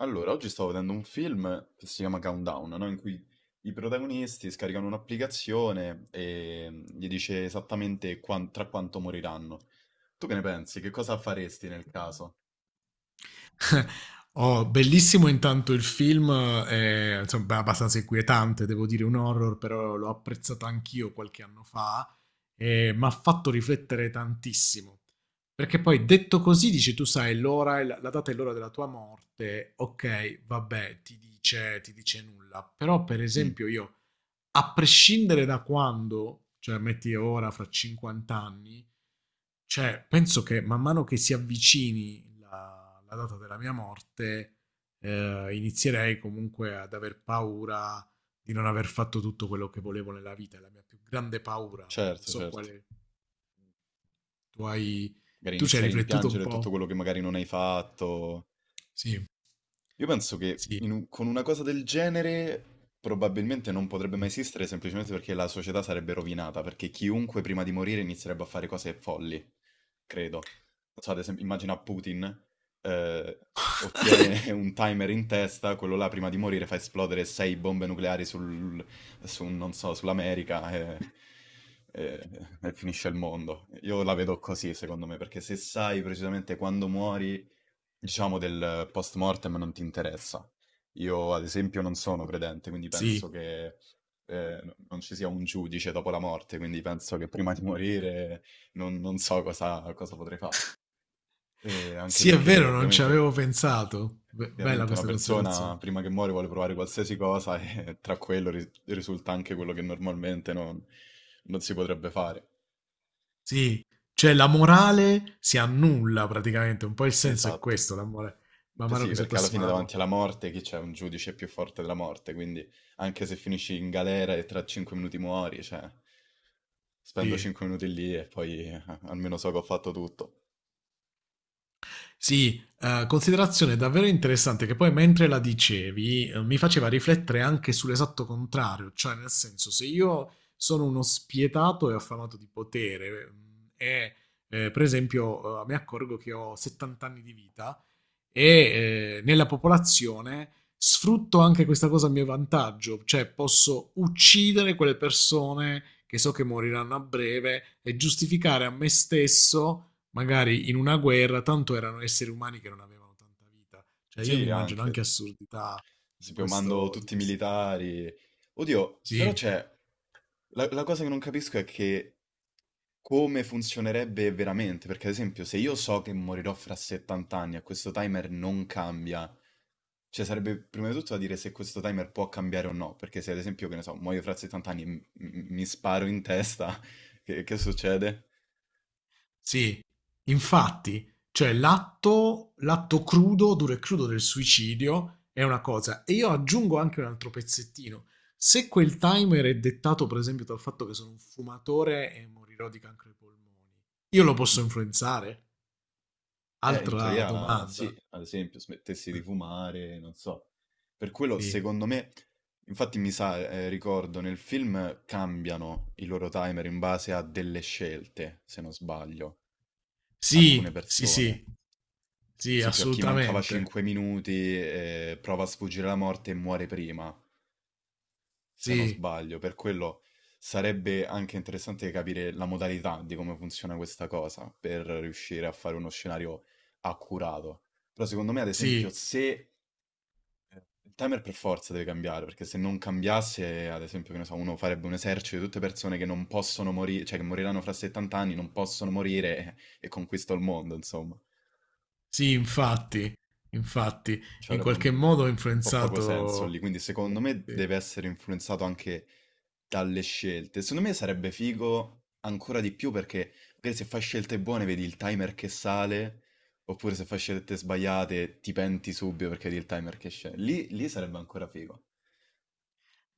Allora, oggi stavo vedendo un film che si chiama Countdown, no? In cui i protagonisti scaricano un'applicazione e gli dice esattamente tra quanto moriranno. Tu che ne pensi? Che cosa faresti nel caso? Oh, bellissimo intanto il film, è, insomma, beh, abbastanza inquietante, devo dire un horror, però l'ho apprezzato anch'io qualche anno fa e mi ha fatto riflettere tantissimo. Perché poi detto così, dici tu sai l'ora, e la data e l'ora della tua morte, ok, vabbè, ti dice nulla. Però per Mm, esempio io a prescindere da quando, cioè metti ora fra 50 anni, cioè penso che man mano che si avvicini la data della mia morte, inizierei comunque ad aver paura di non aver fatto tutto quello che volevo nella vita. È la mia più grande paura. Non certo, so certo. quale tu hai. Magari Tu ci hai iniziare a riflettuto un rimpiangere po'? tutto quello che magari non hai fatto. Sì, Io penso che sì, con una cosa del genere probabilmente non potrebbe mai esistere semplicemente perché la società sarebbe rovinata, perché chiunque prima di morire inizierebbe a fare cose folli, credo. Non so, ad esempio, immagina Putin, eh, ottiene un timer in testa, quello là prima di morire fa esplodere sei bombe nucleari su, non so, sull'America e- e finisce il mondo. Io la vedo così, secondo me, perché se sai precisamente quando muori diciamo, del post mortem non ti interessa. Io, ad esempio, non sono credente, quindi sì. penso che non ci sia un giudice dopo la morte, quindi penso che prima di morire non so cosa potrei fare. E anche Sì, è perché, vero, non ci avevo ovviamente, pensato. Be- bella ovviamente una questa persona considerazione. prima che muore vuole provare qualsiasi cosa e tra quello risulta anche quello che normalmente non si potrebbe fare. Sì, cioè la morale si annulla praticamente, un po' il senso è Esatto. questo, l'amore, man mano Sì, che si perché alla approssima fine la davanti morte. alla morte chi c'è? Un giudice più forte della morte, quindi anche se finisci in galera e tra 5 minuti muori, cioè, spendo Sì, 5 minuti lì e poi almeno so che ho fatto tutto. sì, considerazione davvero interessante che poi mentre la dicevi mi faceva riflettere anche sull'esatto contrario, cioè nel senso se io sono uno spietato e affamato di potere per esempio mi accorgo che ho 70 anni di vita, nella popolazione sfrutto anche questa cosa a mio vantaggio, cioè posso uccidere quelle persone che so che moriranno a breve e giustificare a me stesso, magari in una guerra, tanto erano esseri umani che non avevano tanta vita. Cioè io mi Sì, immagino anche, anche assurdità se più mando di tutti i questo. militari. Oddio, Sì, la cosa che non capisco è che come funzionerebbe veramente, perché ad esempio se io so che morirò fra 70 anni e questo timer non cambia. Cioè, sarebbe prima di tutto da dire se questo timer può cambiare o no, perché se ad esempio, che ne so, muoio fra 70 anni e mi sparo in testa, che succede? sì, infatti, cioè l'atto crudo, duro e crudo del suicidio è una cosa. E io aggiungo anche un altro pezzettino. Se quel timer è dettato, per esempio, dal fatto che sono un fumatore e morirò di cancro ai polmoni, io lo posso Mm. influenzare? In Altra teoria domanda. sì, ad esempio, smettessi Eh, di fumare, non so. Per quello, Sì, secondo me, infatti mi sa, ricordo, nel film cambiano i loro timer in base a delle scelte, se non sbaglio, alcune sì, sì, persone. Ad sì, sì, esempio, a chi mancava assolutamente. 5 minuti, prova a sfuggire alla morte e muore prima. Se non Sì, sbaglio, per quello sarebbe anche interessante capire la modalità di come funziona questa cosa per riuscire a fare uno scenario accurato. Però secondo me, ad esempio, sì, se il timer per forza deve cambiare, perché se non cambiasse, ad esempio, che ne so, uno farebbe un esercito di tutte persone che non possono morire, cioè che moriranno fra 70 anni, non possono morire e conquista il mondo, insomma. sì, infatti, infatti, Ci in avrebbe qualche un, modo ho un po' poco senso lì, influenzato. quindi secondo me Sì. deve essere influenzato anche dalle scelte. Secondo me sarebbe figo ancora di più perché magari se fai scelte buone vedi il timer che sale, oppure se fai scelte sbagliate ti penti subito perché vedi il timer che scende. Lì sarebbe ancora figo.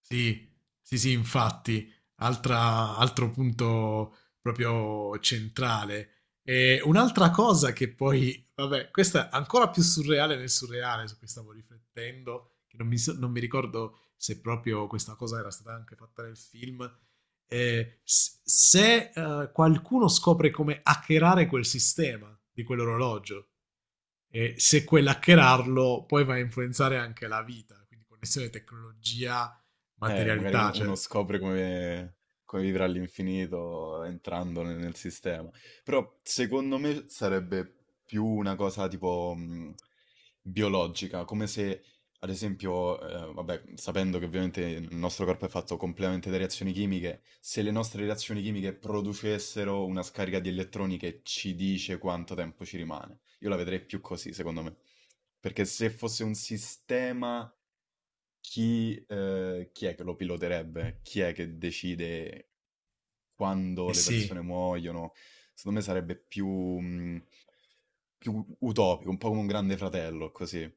Sì, sì, sì, infatti, altra- altro punto proprio centrale. E un'altra cosa che poi, vabbè, questa è ancora più surreale nel surreale, su cui stavo riflettendo, che non mi, so- non mi ricordo se proprio questa cosa era stata anche fatta nel film, s- se qualcuno scopre come hackerare quel sistema di quell'orologio e se quell'hackerarlo poi va a influenzare anche la vita, quindi connessione tecnologia Magari materialità, cioè, uno scopre come vivere all'infinito entrando nel sistema. Però secondo me sarebbe più una cosa tipo biologica, come se, ad esempio, vabbè, sapendo che ovviamente il nostro corpo è fatto completamente da reazioni chimiche, se le nostre reazioni chimiche producessero una scarica di elettroni che ci dice quanto tempo ci rimane. Io la vedrei più così, secondo me. Perché se fosse un sistema chi è che lo piloterebbe? Chi è che decide quando eh le persone sì, muoiono? Secondo me sarebbe più, più utopico, un po' come un grande fratello, così.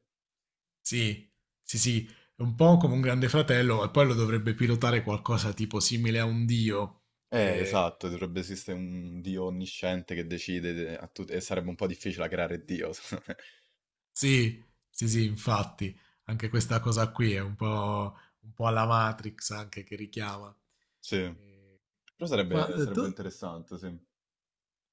sì, sì, sì, è un po' come un grande fratello e poi lo dovrebbe pilotare qualcosa tipo simile a un dio. Eh, Esatto, dovrebbe esistere un Dio onnisciente che decide a tutti, e sarebbe un po' difficile creare Dio, secondo me. sì, sì, sì, infatti, anche questa cosa qui è un po' alla Matrix anche che richiama. Sì, però Ma tu sarebbe interessante, sì.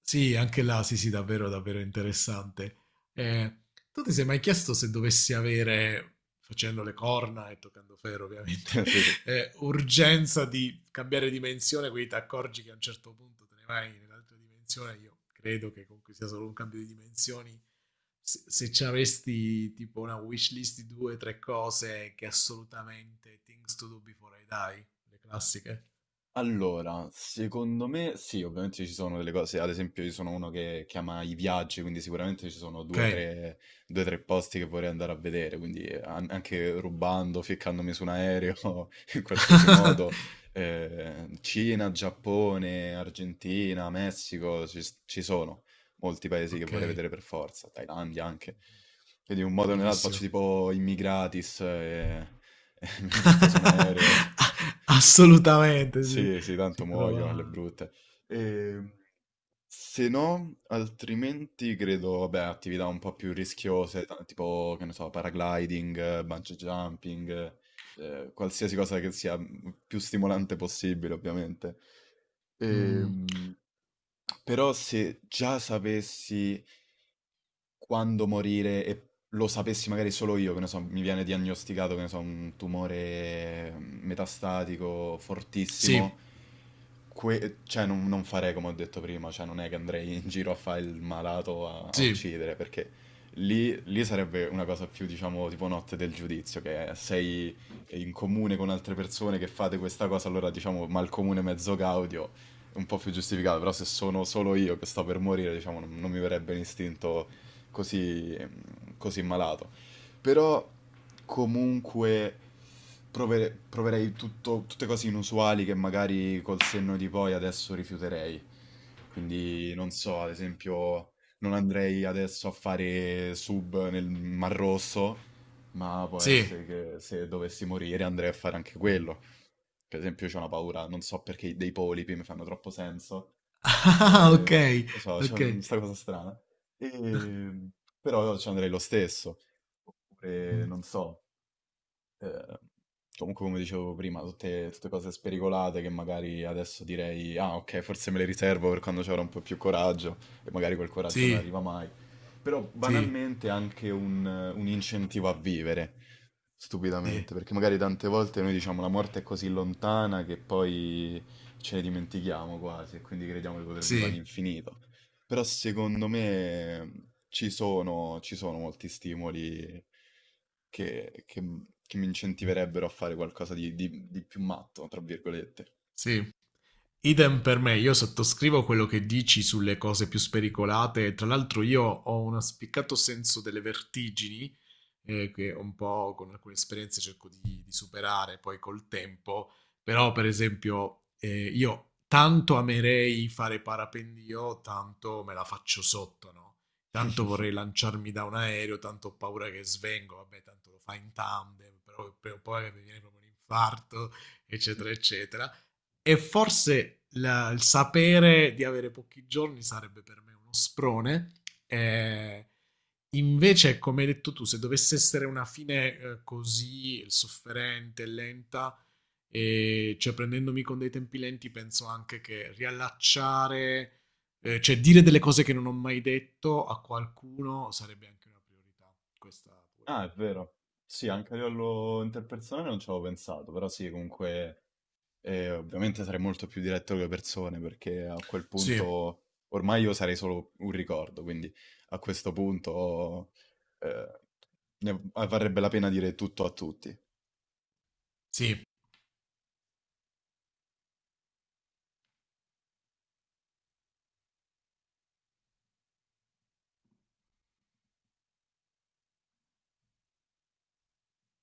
sì, anche là, sì, sì, davvero, davvero interessante. Eh, tu ti sei mai chiesto se dovessi avere, facendo le corna e toccando ferro ovviamente, Sì, sì. Urgenza di cambiare dimensione, quindi ti accorgi che a un certo punto te ne vai nell'altra dimensione, io credo che comunque sia solo un cambio di dimensioni, se ci avessi tipo una wish list di due o tre cose che assolutamente things to do before I die, le classiche. Allora, secondo me sì, ovviamente ci sono delle cose, ad esempio io sono uno che ama i viaggi, quindi sicuramente ci sono Ok. due o tre, due, tre posti che vorrei andare a vedere, quindi anche rubando, ficcandomi su un aereo, in qualsiasi modo, Cina, Giappone, Argentina, Messico, ci sono molti paesi che Ok, vorrei vedere per forza, Thailandia anche, quindi in un modo o nell'altro faccio bellissimo. tipo immigratis e mi butto su un aereo. Assolutamente sì, Sì, sì, tanto si muoio alle trova brutte. Ehm, se no, altrimenti credo, vabbè, attività un po' più rischiose, tipo, che ne so, paragliding, bungee jumping, qualsiasi cosa che sia più stimolante possibile, ovviamente. mhmm, Ehm, però se già sapessi quando morire e lo sapessi magari solo io, che ne so, mi viene diagnosticato, che ne so, un tumore metastatico sì, fortissimo, cioè non farei come ho detto prima, cioè non è che andrei in giro a fare il malato a sì, uccidere, perché lì sarebbe una cosa più, diciamo, tipo notte del giudizio, che sei in comune con altre persone che fate questa cosa, allora diciamo malcomune mezzo gaudio, è un po' più giustificato, però se sono solo io che sto per morire, diciamo, non mi verrebbe l'istinto così, così malato. Però comunque proverei tutte cose inusuali che magari col senno di poi adesso rifiuterei. Quindi non so, ad esempio, non andrei adesso a fare sub nel Mar Rosso, ma può sì. essere che se dovessi morire andrei a fare anche quello. Per esempio, c'ho una paura, non so perché dei polipi mi fanno troppo senso, Ah, e, non okay, lo so, c'è okay. questa cosa strana. E, però ci andrei lo stesso. Oppure, Mh, non so. Ehm, comunque come dicevo prima, tutte cose spericolate che magari adesso direi, ah ok, forse me le riservo per quando ci avrò un po' più coraggio e magari quel coraggio non sì, arriva mai. Però sì, banalmente anche un incentivo a vivere, sì, stupidamente, perché magari tante volte noi diciamo la morte è così lontana che poi ce ne dimentichiamo quasi e quindi crediamo di poter vivere sì, all'infinito. Però secondo me ci sono molti stimoli che mi incentiverebbero a fare qualcosa di più matto, tra virgolette. sì. Idem per me, io sottoscrivo quello che dici sulle cose più spericolate. Tra l'altro io ho un spiccato senso delle vertigini che un po' con alcune esperienze cerco di superare poi col tempo, però per esempio io tanto amerei fare parapendio, tanto me la faccio sotto, no? Tanto vorrei lanciarmi da un aereo, tanto ho paura che svengo, vabbè, tanto lo fa in tandem, però poi mi viene proprio un infarto, eccetera, eccetera. E forse la- il sapere di avere pochi giorni sarebbe per me uno sprone. Eh, invece, come hai detto tu, se dovesse essere una fine così sofferente, lenta, e cioè prendendomi con dei tempi lenti, penso anche che riallacciare, cioè dire delle cose che non ho mai detto a qualcuno sarebbe anche una priorità. Questa pure. Ah, è vero. Sì, anche a livello interpersonale non ci avevo pensato, però sì, comunque ovviamente sarei molto più diretto con le persone perché a quel Sì, punto ormai io sarei solo un ricordo, quindi a questo punto eh, ne varrebbe la pena dire tutto a tutti. sì.